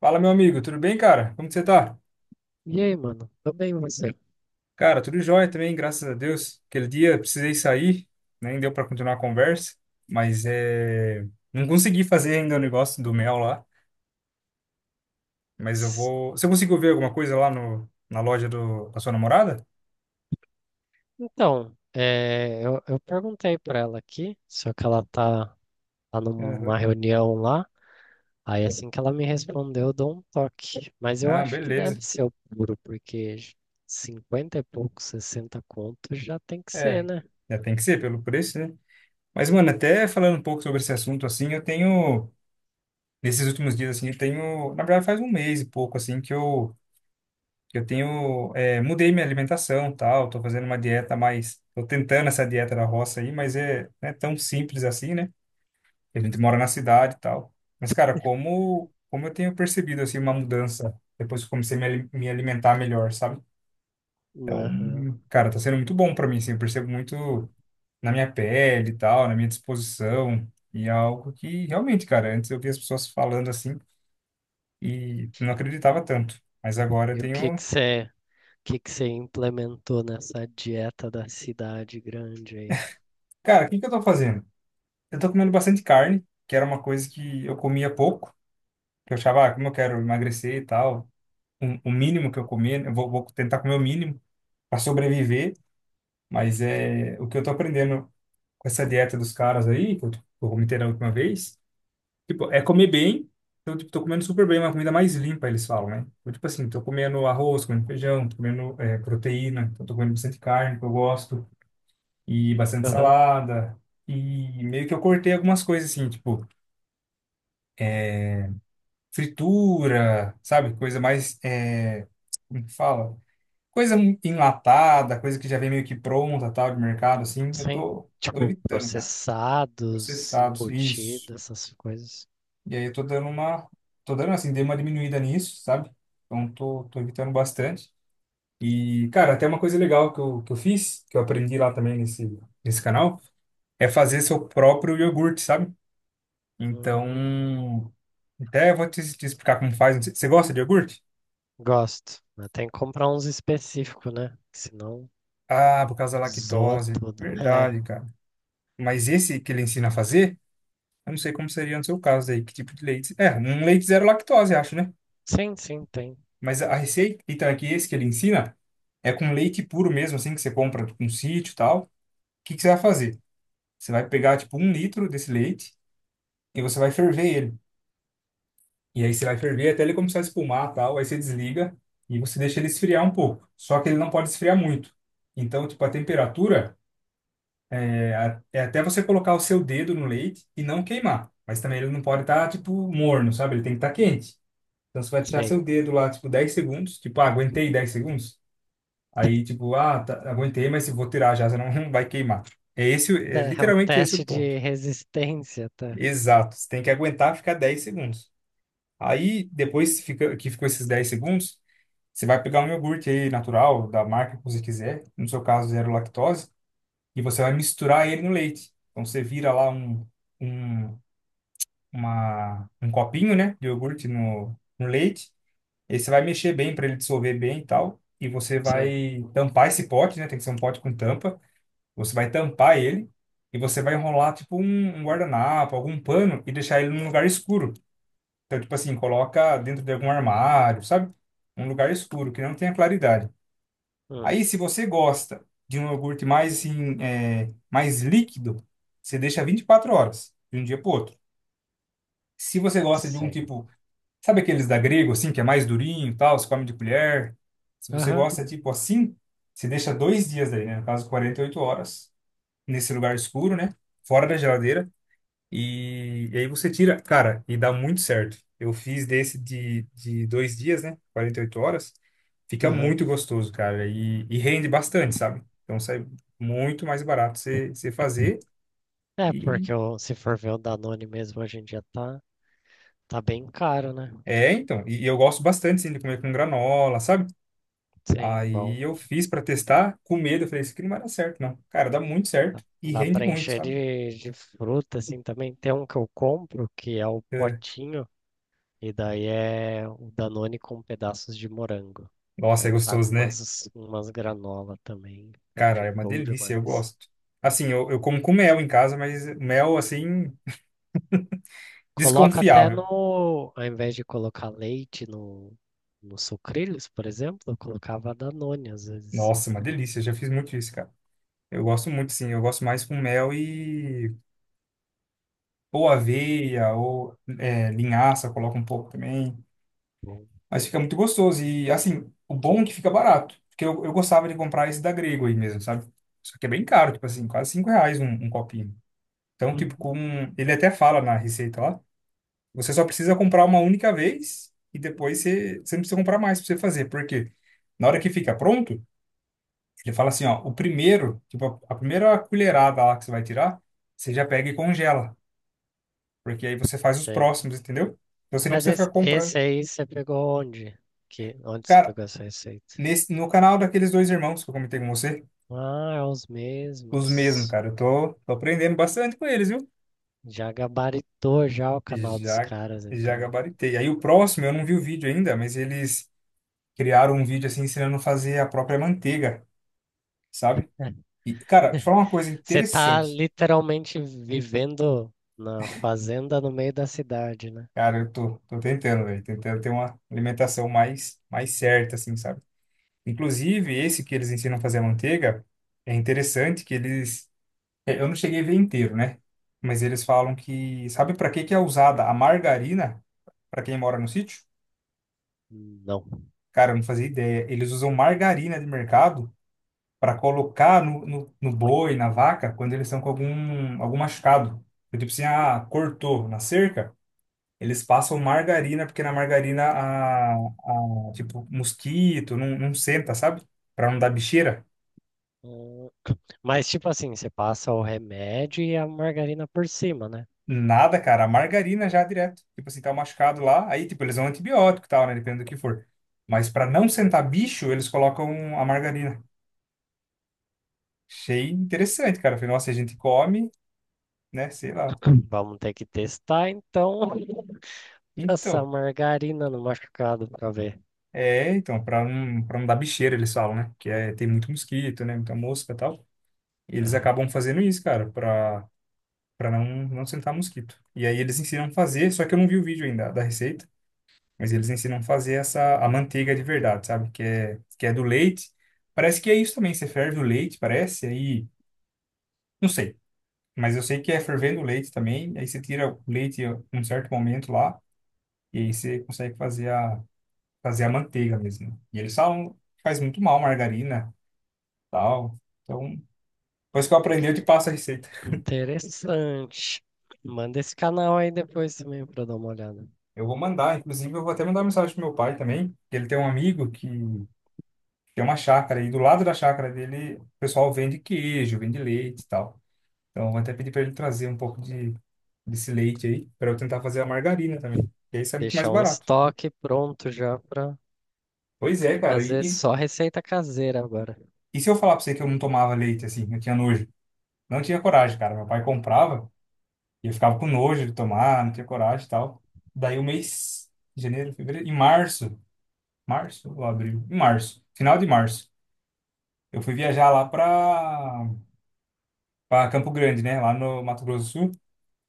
Fala, meu amigo, tudo bem, cara? Como que você tá? E aí, mano? Tô bem, você? Cara, tudo jóia também, graças a Deus. Aquele dia eu precisei sair, nem deu pra continuar a conversa, mas é... não consegui fazer ainda o negócio do mel lá, mas eu S- vou... Você conseguiu ver alguma coisa lá no... na loja do... da sua namorada? Então, eu perguntei pra ela aqui, só que ela tá numa Aham. reunião lá. Aí assim que ela me respondeu, eu dou um toque. Mas eu Não, acho que deve beleza. ser o puro, porque 50 e pouco, 60 contos já tem que ser, É, né? já tem que ser pelo preço, né? Mas, mano, até falando um pouco sobre esse assunto, assim, eu tenho... Nesses últimos dias, assim, eu tenho... Na verdade, faz um mês e pouco, assim, que eu tenho, é, mudei minha alimentação, tal, tô fazendo uma dieta mais, tô tentando essa dieta da roça aí, mas é, não é tão simples assim, né? A gente mora na cidade e tal. Mas, cara, como eu tenho percebido, assim, uma mudança depois que eu comecei a me alimentar melhor, sabe? Então, Aham. cara, tá sendo muito bom para mim, assim, eu percebo muito na minha pele e tal, na minha disposição, e é algo que realmente, cara, antes eu via as pessoas falando assim e não acreditava tanto, mas agora eu E o que que tenho, você, o que que você implementou nessa dieta da cidade grande aí? cara, o que que eu tô fazendo? Eu tô comendo bastante carne, que era uma coisa que eu comia pouco, que eu achava, ah, como eu quero emagrecer e tal, o mínimo que eu comer, eu vou tentar comer o mínimo para sobreviver, mas é o que eu tô aprendendo com essa dieta dos caras aí, que eu comentei na última vez, tipo, é comer bem, então, tipo, tô comendo super bem, uma comida mais limpa, eles falam, né? Então, tipo assim, tô comendo arroz, comendo feijão, tô comendo é, proteína, então tô comendo bastante carne, que eu gosto, e bastante Aham. salada, e meio que eu cortei algumas coisas, assim, tipo, fritura, sabe? Coisa mais, é, como que fala? Coisa enlatada, coisa que já vem meio que pronta, tal, de mercado, assim. Eu Sim, tô tipo evitando, cara. processados, Processados, isso. embutidos, essas coisas. E aí eu tô dando uma, tô dando assim, dei uma diminuída nisso, sabe? Então tô evitando bastante. E, cara, até uma coisa legal que eu fiz, que eu aprendi lá também nesse canal, é fazer seu próprio iogurte, sabe? Hum, Então, até vou te explicar como faz. Você gosta de iogurte? gosto. Mas tem que comprar uns específicos, né? Que senão Ah, por causa da zoa lactose. tudo. É. Verdade, cara. Mas esse que ele ensina a fazer, eu não sei como seria no seu caso aí, que tipo de leite. É, um leite zero lactose, acho, né? Sim, sim, tem. Mas a receita, então, é que esse que ele ensina é com leite puro mesmo, assim, que você compra com sítio e tal. O que que você vai fazer? Você vai pegar, tipo, um litro desse leite e você vai ferver ele. E aí você vai ferver até ele começar a espumar e tal. Aí você desliga e você deixa ele esfriar um pouco. Só que ele não pode esfriar muito. Então, tipo, a temperatura. É até você colocar o seu dedo no leite e não queimar. Mas também ele não pode estar, tipo, morno, sabe? Ele tem que estar quente. Então você vai deixar Sei. seu dedo lá, tipo, 10 segundos. Tipo, ah, aguentei 10 segundos. Aí, tipo, ah, tá, aguentei, mas se vou tirar já, senão não vai queimar. É É, é o literalmente esse o teste ponto. de resistência, tá? Exato. Você tem que aguentar ficar 10 segundos. Aí, que ficou esses 10 segundos, você vai pegar um iogurte aí natural, da marca que você quiser, no seu caso, zero lactose, e você vai misturar ele no leite. Então você vira lá um. Um uma, Um copinho, né, de iogurte no leite. E aí você vai mexer bem para ele dissolver bem e tal. E você Sei. vai tampar esse pote, né? Tem que ser um pote com tampa. Você vai tampar ele e você vai enrolar tipo um guardanapo, algum pano e deixar ele num lugar escuro. Então, tipo assim, coloca dentro de algum armário, sabe? Um lugar escuro que não tenha claridade. Hum, Aí, se você gosta de um iogurte mais assim, é, mais líquido, você deixa 24 horas de um dia para outro. Se você gosta de um sei. tipo, sabe aqueles da Grego, assim, que é mais durinho e tal, se come de colher? Se você Aham, gosta, tipo assim, você deixa 2 dias daí, né? No caso, 48 horas, nesse lugar escuro, né? Fora da geladeira. E aí você tira, cara, e dá muito certo. Eu fiz desse de 2 dias, né? 48 horas. Fica aham. muito gostoso, cara. E rende bastante, sabe? Então sai muito mais barato você fazer. É, E porque se for ver o Danone mesmo hoje em dia tá bem caro, né? é, então. E eu gosto bastante, assim, de comer com granola, sabe? Sim, bom. Aí eu fiz pra testar, com medo, eu falei, isso aqui não vai dar certo, não. Cara, dá muito certo Dá e dá rende pra muito, encher sabe? de fruta, assim, também. Tem um que eu compro, que é o É. potinho. E daí é o Danone com pedaços de morango. Nossa, é Aí tá com gostoso, né? umas, umas granola também. Fica Cara, é uma show delícia, eu demais. gosto. Assim, eu como com mel em casa, mas mel, assim, Coloca até desconfiável. no. Ao invés de colocar leite no, no sucrilhos, por exemplo, eu colocava Danone às vezes. Nossa, uma delícia, eu já fiz muito isso, cara. Eu gosto muito, sim, eu gosto mais com mel e... ou aveia, ou é, linhaça, coloca um pouco também. Bom. Mas fica muito gostoso. E assim, o bom é que fica barato. Porque eu gostava de comprar esse da Grego aí mesmo, sabe? Só que é bem caro, tipo assim, quase R$ 5 um copinho. Então, tipo, Uhum. com. Ele até fala na receita lá. Você só precisa comprar uma única vez e depois você, você não precisa comprar mais pra você fazer. Por quê? Na hora que fica pronto, ele fala assim, ó, o primeiro, tipo, a primeira colherada lá que você vai tirar, você já pega e congela. Porque aí você faz os Sei. próximos, entendeu? Então você nem Mas precisa esse, ficar comprando. esse aí você pegou onde? Que, onde você Cara, pegou essa receita? No canal daqueles dois irmãos que eu comentei com você. Ah, é os Os mesmos, mesmos. cara. Eu tô aprendendo bastante com eles, viu? Já gabaritou já o canal dos Já, caras, já então. gabaritei. Aí o próximo, eu não vi o vídeo ainda, mas eles criaram um vídeo assim ensinando a fazer a própria manteiga, sabe? E, cara, te falar uma coisa Você tá interessante. literalmente vivendo na fazenda no meio da cidade, né? Cara, eu tô tentando, velho. Tentando ter uma alimentação mais certa, assim, sabe? Inclusive, esse que eles ensinam a fazer a manteiga, é interessante que eles. Eu não cheguei a ver inteiro, né? Mas eles falam que, sabe para que que é usada a margarina para quem mora no sítio? Não. Cara, eu não fazia ideia. Eles usam margarina de mercado para colocar no boi, na vaca, quando eles estão com algum machucado. Então, tipo assim, ah, cortou na cerca, eles passam margarina, porque na margarina, tipo, mosquito não senta, sabe? Para não dar bicheira. Hum, mas, tipo assim, você passa o remédio e a margarina por cima, né? Nada, cara, a margarina já direto. Tipo assim, tá machucado lá, aí, tipo, eles dão antibiótico e tal, né? Depende do que for. Mas para não sentar bicho, eles colocam a margarina. Achei interessante, cara. Falei, nossa, a gente come, né? Sei lá. Vamos ter que testar, então, essa Então, margarina no machucado pra ver. é, então, para não dar bicheira, eles falam, né? Que é, tem muito mosquito, né? Muita mosca e tal. E eles Aham. acabam fazendo isso, cara, para para não, não sentar mosquito. E aí eles ensinam a fazer, só que eu não vi o vídeo ainda da receita, mas eles ensinam a fazer essa, a manteiga de verdade, sabe? Que é do leite. Parece que é isso também, você ferve o leite, parece, aí, não sei. Mas eu sei que é fervendo o leite também, aí você tira o leite em um certo momento lá, e aí você consegue fazer a manteiga mesmo. E eles falam que faz muito mal margarina, tal. Então, depois que eu aprendi, eu te passo a receita. Interessante. Manda esse canal aí depois também pra eu dar uma olhada. Eu vou mandar, inclusive eu vou até mandar uma mensagem pro meu pai também, que ele tem um amigo que tem uma chácara e do lado da chácara dele o pessoal vende queijo, vende leite e tal. Então, eu vou até pedir para ele trazer um pouco de desse leite aí para eu tentar fazer a margarina também. E aí isso é muito mais Deixar um barato. estoque pronto já pra Pois é, cara. Fazer só receita caseira agora. E se eu falar para você que eu não tomava leite assim, eu tinha nojo. Não tinha coragem, cara. Meu pai comprava e eu ficava com nojo de tomar, não tinha coragem e tal. Daí o mês, janeiro, fevereiro, em março, março ou abril? Em março, final de março, eu fui viajar lá pra, pra Campo Grande, né? Lá no Mato Grosso do Sul.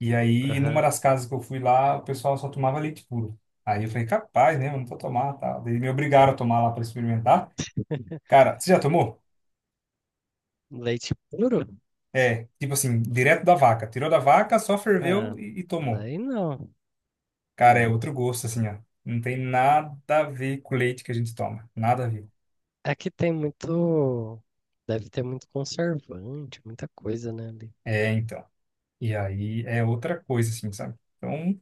E aí, numa Aham. das casas que eu fui lá, o pessoal só tomava leite puro. Aí eu falei, capaz, né? Eu não vou tomar, tá? Daí me obrigaram a tomar lá pra experimentar. Cara, você já tomou? Leite puro? É, tipo assim, direto da vaca. Tirou da vaca, só ferveu É, e tomou. daí não, Cara, é não. outro gosto, assim, ó. Não tem nada a ver com o leite que a gente toma. Nada a ver. É que tem muito, deve ter muito conservante, muita coisa, né, ali. É, então. E aí é outra coisa, assim, sabe? Então,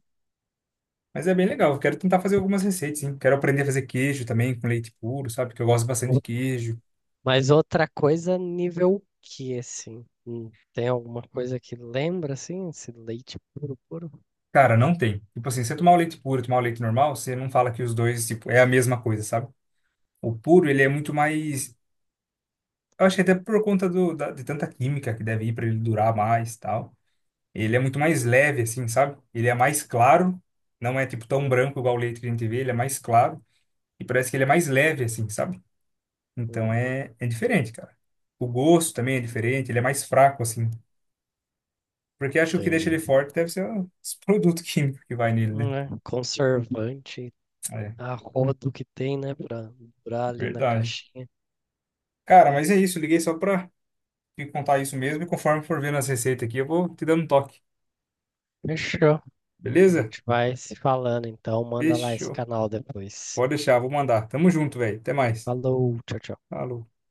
mas é bem legal. Eu quero tentar fazer algumas receitas, sim. Quero aprender a fazer queijo também com leite puro, sabe? Porque eu gosto bastante de O- queijo. Mas outra coisa, nível que, assim, hum, tem alguma coisa que lembra, assim, esse leite puro, puro? Cara, não tem. Tipo assim, se você tomar o leite puro e tomar o leite normal, você não fala que os dois, tipo, é a mesma coisa, sabe? O puro, ele é muito mais. Eu acho que até por conta de tanta química que deve ir para ele durar mais e tal. Ele é muito mais leve, assim, sabe? Ele é mais claro, não é tipo tão branco igual o leite que a gente vê, ele é mais claro e parece que ele é mais leve, assim, sabe? Então Uhum, é, é diferente, cara. O gosto também é diferente, ele é mais fraco, assim. Porque acho que o que deixa ele entendi. forte deve ser esse produto químico que vai nele, né? É, conservante, É, a rodo que tem, né, pra durar ali na verdade. caixinha. Cara, mas é isso, liguei só pra te contar isso mesmo e conforme for vendo as receitas aqui, eu vou te dando um toque, Fechou. A beleza? gente vai se falando, então manda lá esse Fechou. canal depois. Pode deixar, vou mandar. Tamo junto, velho. Até mais. Falou, tchau, tchau. Falou.